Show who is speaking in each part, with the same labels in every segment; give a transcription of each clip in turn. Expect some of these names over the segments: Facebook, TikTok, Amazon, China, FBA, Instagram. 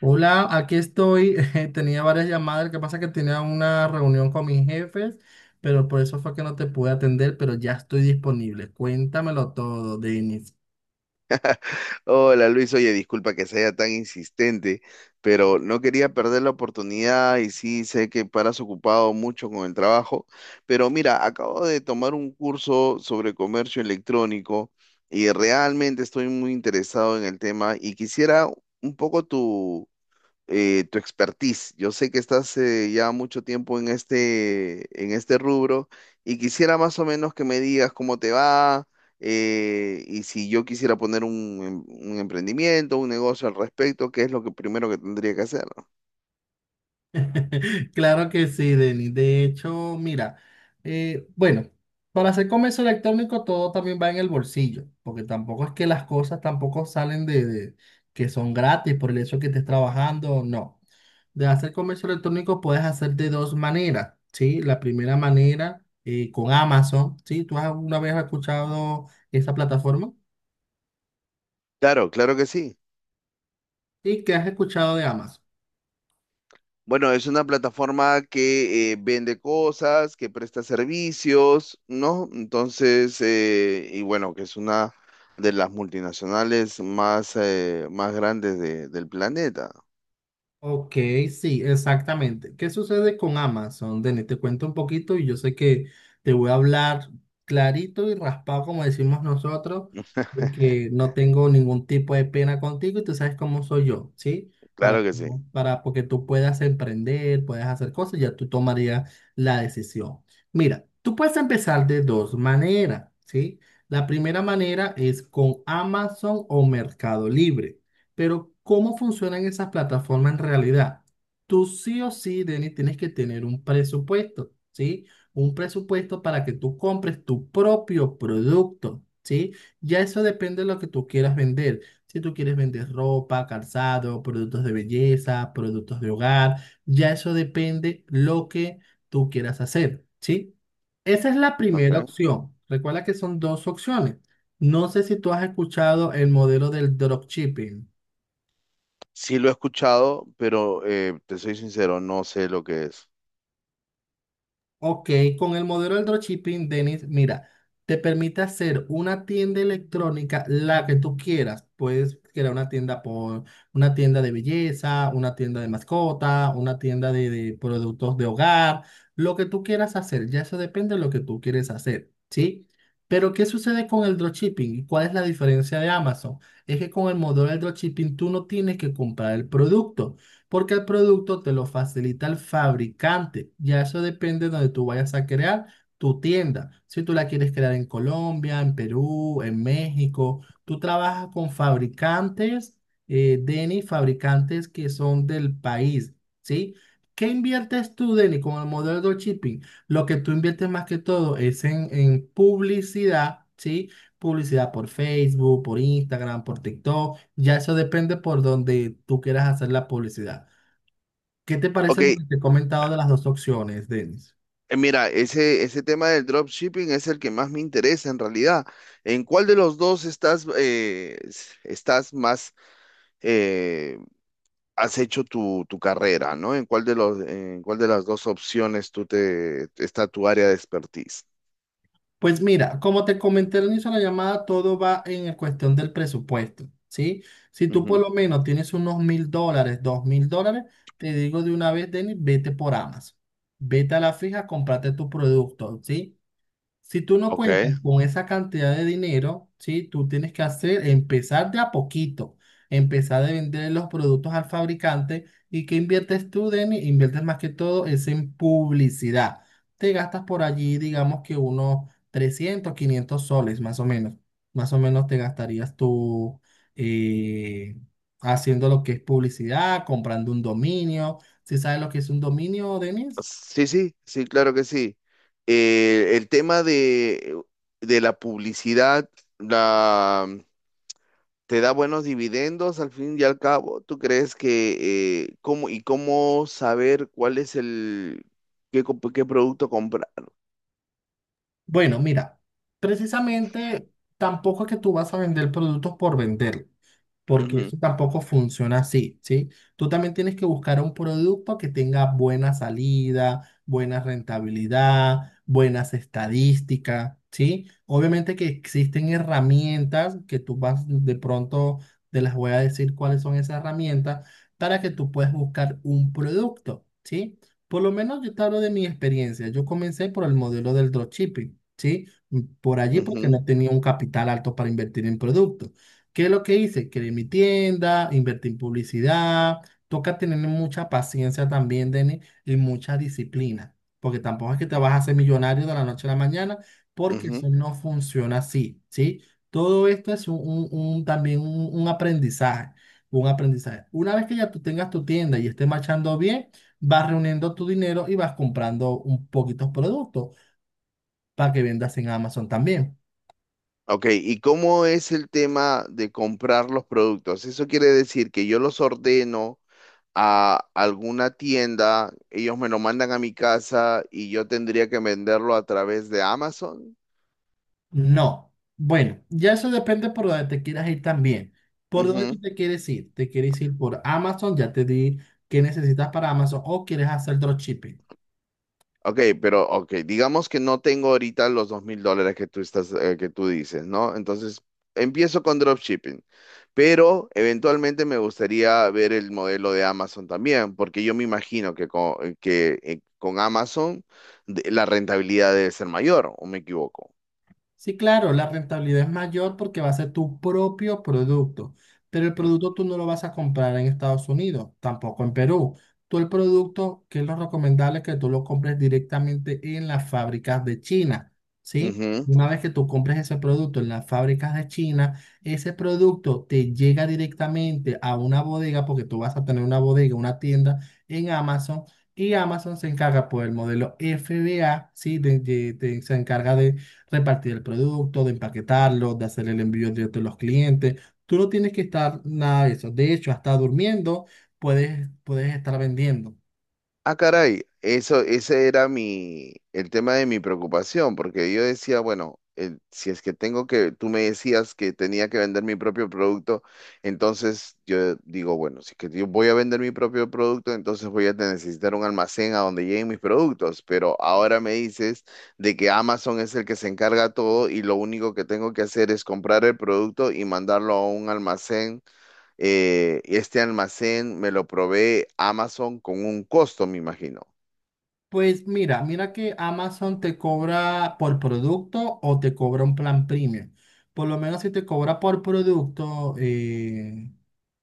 Speaker 1: Hola, aquí estoy. Tenía varias llamadas. Lo que pasa es que tenía una reunión con mis jefes, pero por eso fue que no te pude atender, pero ya estoy disponible. Cuéntamelo todo, Denis.
Speaker 2: Hola Luis, oye, disculpa que sea tan insistente, pero no quería perder la oportunidad y sí sé que paras ocupado mucho con el trabajo, pero mira, acabo de tomar un curso sobre comercio electrónico y realmente estoy muy interesado en el tema y quisiera un poco tu expertise. Yo sé que estás ya mucho tiempo en este rubro y quisiera más o menos que me digas cómo te va y si yo quisiera poner un emprendimiento, un negocio al respecto, ¿qué es lo que primero que tendría que hacer, no?
Speaker 1: Claro que sí, Denis. De hecho, mira, bueno, para hacer comercio electrónico todo también va en el bolsillo, porque tampoco es que las cosas tampoco salen de que son gratis por el hecho que estés trabajando, no. De hacer comercio electrónico puedes hacer de dos maneras, ¿sí? La primera manera con Amazon, ¿sí? ¿Tú has alguna vez escuchado esa plataforma?
Speaker 2: Claro, claro que sí.
Speaker 1: ¿Y qué has escuchado de Amazon?
Speaker 2: Bueno, es una plataforma que vende cosas, que presta servicios, ¿no? Entonces, y bueno, que es una de las multinacionales más, más del planeta.
Speaker 1: Ok, sí, exactamente. ¿Qué sucede con Amazon? Denis, te cuento un poquito y yo sé que te voy a hablar clarito y raspado, como decimos nosotros, porque no tengo ningún tipo de pena contigo y tú sabes cómo soy yo, ¿sí? Para,
Speaker 2: Claro que sí.
Speaker 1: para porque tú puedas emprender, puedas hacer cosas, ya tú tomarías la decisión. Mira, tú puedes empezar de dos maneras, ¿sí? La primera manera es con Amazon o Mercado Libre. Pero ¿cómo funcionan esas plataformas en realidad? Tú sí o sí, Denis, tienes que tener un presupuesto, ¿sí? Un presupuesto para que tú compres tu propio producto, ¿sí? Ya eso depende de lo que tú quieras vender. Si tú quieres vender ropa, calzado, productos de belleza, productos de hogar, ya eso depende lo que tú quieras hacer, ¿sí? Esa es la primera
Speaker 2: Ok.
Speaker 1: opción. Recuerda que son dos opciones. No sé si tú has escuchado el modelo del dropshipping.
Speaker 2: Sí lo he escuchado, pero te soy sincero, no sé lo que es.
Speaker 1: Ok, con el modelo del dropshipping, Denis, mira, te permite hacer una tienda electrónica, la que tú quieras. Puedes crear una tienda por una tienda de belleza, una tienda de mascota, una tienda de productos de hogar, lo que tú quieras hacer. Ya eso depende de lo que tú quieres hacer, ¿sí? Pero, ¿qué sucede con el dropshipping? ¿Y cuál es la diferencia de Amazon? Es que con el modelo del dropshipping tú no tienes que comprar el producto porque el producto te lo facilita el fabricante. Ya eso depende de donde tú vayas a crear tu tienda. Si tú la quieres crear en Colombia, en Perú, en México, tú trabajas con fabricantes, Denny, fabricantes que son del país, ¿sí? ¿Qué inviertes tú, Denny, con el modelo de dropshipping? Lo que tú inviertes más que todo es en publicidad, ¿sí? Publicidad por Facebook, por Instagram, por TikTok, ya eso depende por donde tú quieras hacer la publicidad. ¿Qué te
Speaker 2: Ok,
Speaker 1: parece lo que te he comentado de las dos opciones, Denis?
Speaker 2: mira, ese tema del dropshipping es el que más me interesa en realidad. ¿En cuál de los dos estás, estás más, eh, has hecho tu carrera, ¿no? ¿En cuál de las dos opciones tú te, está tu área de expertise?
Speaker 1: Pues mira, como te comenté al inicio de la llamada, todo va en el cuestión del presupuesto, ¿sí? Si tú por
Speaker 2: Ujú.
Speaker 1: lo menos tienes unos $1000, $2000, te digo de una vez, Denis, vete por Amazon. Vete a la fija, cómprate tu producto, ¿sí? Si tú no cuentas
Speaker 2: Ok.
Speaker 1: con esa cantidad de dinero, ¿sí? Tú tienes que hacer, empezar de a poquito, empezar de vender los productos al fabricante. ¿Y qué inviertes tú, Denny? Inviertes más que todo es en publicidad. Te gastas por allí, digamos que unos 300, 500 soles, más o menos. Más o menos te gastarías tú eh, haciendo lo que es publicidad, comprando un dominio. ¿Sí sabes lo que es un dominio, Denny?
Speaker 2: Sí, sí, sí, claro que sí. El tema de la publicidad la, te da buenos dividendos al fin y al cabo. ¿Tú crees que cómo y cómo saber cuál es qué producto comprar?
Speaker 1: Bueno, mira, precisamente tampoco es que tú vas a vender productos por vender porque
Speaker 2: Ujú,
Speaker 1: eso tampoco funciona así, ¿sí? Tú también tienes que buscar un producto que tenga buena salida, buena rentabilidad, buenas estadísticas, ¿sí? Obviamente que existen herramientas que tú vas de pronto, te las voy a decir cuáles son esas herramientas para que tú puedas buscar un producto, ¿sí? Por lo menos yo te hablo de mi experiencia. Yo comencé por el modelo del dropshipping, ¿sí? Por allí porque
Speaker 2: ujú,
Speaker 1: no tenía un capital alto para invertir en productos. ¿Qué es lo que hice? Creé mi tienda, invertí en publicidad. Toca tener mucha paciencia también, Denis, y mucha disciplina, porque tampoco es que te vas a hacer millonario de la noche a la mañana, porque
Speaker 2: ujú.
Speaker 1: eso no funciona así, ¿sí? Todo esto es también un aprendizaje, un aprendizaje. Una vez que ya tú tengas tu tienda y estés marchando bien, vas reuniendo tu dinero y vas comprando un poquitos productos para que vendas en Amazon también.
Speaker 2: Ok, ¿y cómo es el tema de comprar los productos? Eso quiere decir que yo los ordeno a alguna tienda, ellos me lo mandan a mi casa y yo tendría que venderlo a través de Amazon.
Speaker 1: No. Bueno, ya eso depende por donde te quieras ir también. ¿Por dónde
Speaker 2: Ujú.
Speaker 1: tú te quieres ir? ¿Te quieres ir por Amazon? Ya te di qué necesitas para Amazon. ¿O quieres hacer dropshipping?
Speaker 2: Ok, pero ok, digamos que no tengo ahorita los $2000 que tú estás, que tú dices, ¿no? Entonces empiezo con dropshipping, pero eventualmente me gustaría ver el modelo de Amazon también, porque yo me imagino que con Amazon la rentabilidad debe ser mayor, ¿o me equivoco?
Speaker 1: Sí, claro, la rentabilidad es mayor porque va a ser tu propio producto, pero el
Speaker 2: Ujú.
Speaker 1: producto tú no lo vas a comprar en Estados Unidos, tampoco en Perú. Tú el producto, que es lo recomendable, es que tú lo compres directamente en las fábricas de China, ¿sí?
Speaker 2: Ujú.
Speaker 1: Una vez que tú compres ese producto en las fábricas de China, ese producto te llega directamente a una bodega porque tú vas a tener una bodega, una tienda en Amazon y Amazon se encarga por el modelo FBA, ¿sí? Se encarga de repartir el producto, de empaquetarlo, de hacer el envío directo a los clientes. Tú no tienes que estar nada de eso. De hecho, hasta durmiendo puedes estar vendiendo.
Speaker 2: Ah, caray, eso, ese era mi, el tema de mi preocupación, porque yo decía, bueno, si es que tengo que, tú me decías que tenía que vender mi propio producto, entonces yo digo, bueno, si es que yo voy a vender mi propio producto, entonces necesitar un almacén a donde lleguen mis productos, pero ahora me dices de que Amazon es el que se encarga todo y lo único que tengo que hacer es comprar el producto y mandarlo a un almacén este almacén me lo provee Amazon con un costo, me imagino.
Speaker 1: Pues mira, que Amazon te cobra por producto o te cobra un plan premium. Por lo menos si te cobra por producto,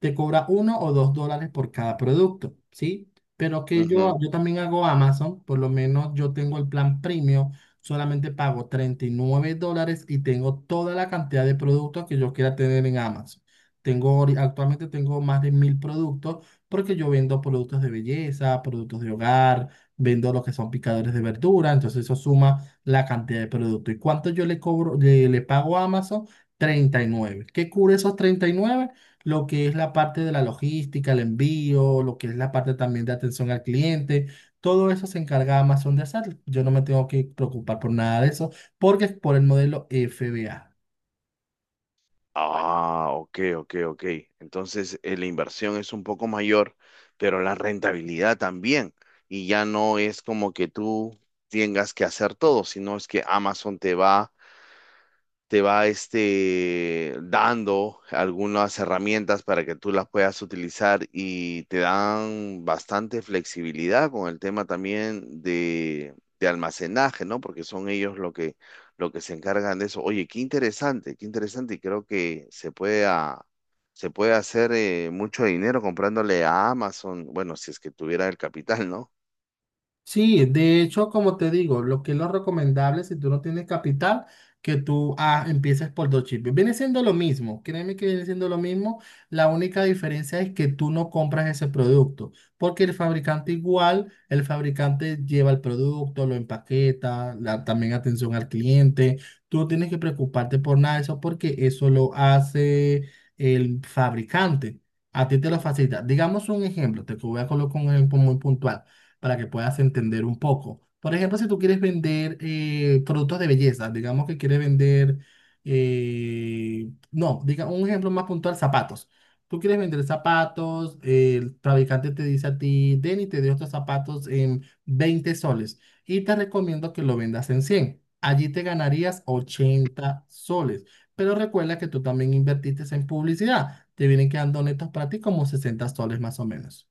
Speaker 1: te cobra 1 o 2 dólares por cada producto, ¿sí? Pero que
Speaker 2: Ujú.
Speaker 1: yo también hago Amazon, por lo menos yo tengo el plan premium, solamente pago $39 y tengo toda la cantidad de productos que yo quiera tener en Amazon. Tengo, actualmente tengo más de 1000 productos porque yo vendo productos de belleza, productos de hogar, vendo lo que son picadores de verdura, entonces eso suma la cantidad de producto. ¿Y cuánto yo le pago a Amazon? 39. ¿Qué cubre esos 39? Lo que es la parte de la logística, el envío, lo que es la parte también de atención al cliente. Todo eso se encarga Amazon de hacer. Yo no me tengo que preocupar por nada de eso porque es por el modelo FBA.
Speaker 2: Ah, ok, ok, ok. Entonces, la inversión es un poco mayor, pero la rentabilidad también. Y ya no es como que tú tengas que hacer todo, sino es que Amazon te va este, dando algunas herramientas para que tú las puedas utilizar y te dan bastante flexibilidad con el tema también de almacenaje, ¿no? Porque son ellos lo que se encargan de eso. Oye, qué interesante y creo que se puede, ah, se puede hacer mucho dinero comprándole a Amazon, bueno, si es que tuviera el capital, ¿no?
Speaker 1: Sí, de hecho, como te digo, lo que es lo recomendable si tú no tienes capital, que tú empieces por dos chips. Viene siendo lo mismo, créeme que viene siendo lo mismo. La única diferencia es que tú no compras ese producto, porque el fabricante igual, el fabricante lleva el producto, lo empaqueta, la, también atención al cliente. Tú no tienes que preocuparte por nada de eso, porque eso lo hace el fabricante. A ti te lo
Speaker 2: Ujú.
Speaker 1: facilita. Digamos un ejemplo, te voy a colocar un ejemplo muy puntual para que puedas entender un poco. Por ejemplo, si tú quieres vender productos de belleza, digamos que quieres vender, no, diga un ejemplo más puntual, zapatos. Tú quieres vender zapatos, el fabricante te dice a ti, Denny, te dio estos zapatos en 20 soles y te recomiendo que lo vendas en 100. Allí te ganarías 80 soles. Pero recuerda que tú también invertiste en publicidad. Te vienen quedando netos para ti como 60 soles más o menos.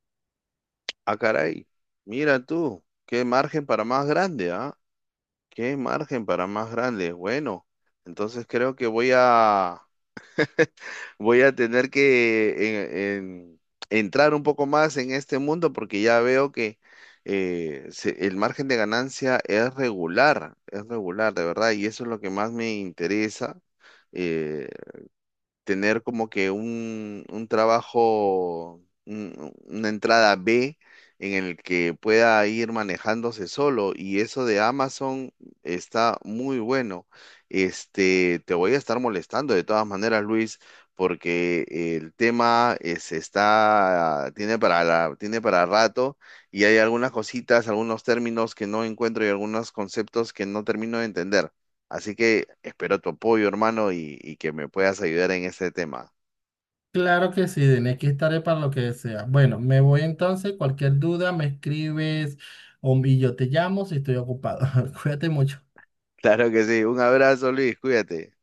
Speaker 2: Ah, caray, mira tú, ¿qué margen para más grande, ah? ¿Qué margen para más grandes? Bueno, entonces creo que voy a tener que entrar un poco más en este mundo porque ya veo que el margen de ganancia es regular, de verdad, y eso es lo que más me interesa. Eh, tener como que un trabajo, una entrada B en el que pueda ir manejándose solo. Y eso de Amazon está muy bueno. Este, te voy a estar molestando de todas maneras, Luis, porque el tema tiene tiene para rato y hay algunas cositas, algunos términos que no encuentro y algunos conceptos que no termino de entender. Así que espero tu apoyo, hermano, y que me puedas ayudar en este tema.
Speaker 1: Claro que sí, Denis, aquí estaré para lo que sea. Bueno, me voy entonces. Cualquier duda me escribes o, y yo te llamo si estoy ocupado. Cuídate mucho.
Speaker 2: Claro que sí. Un abrazo, Luis. Cuídate.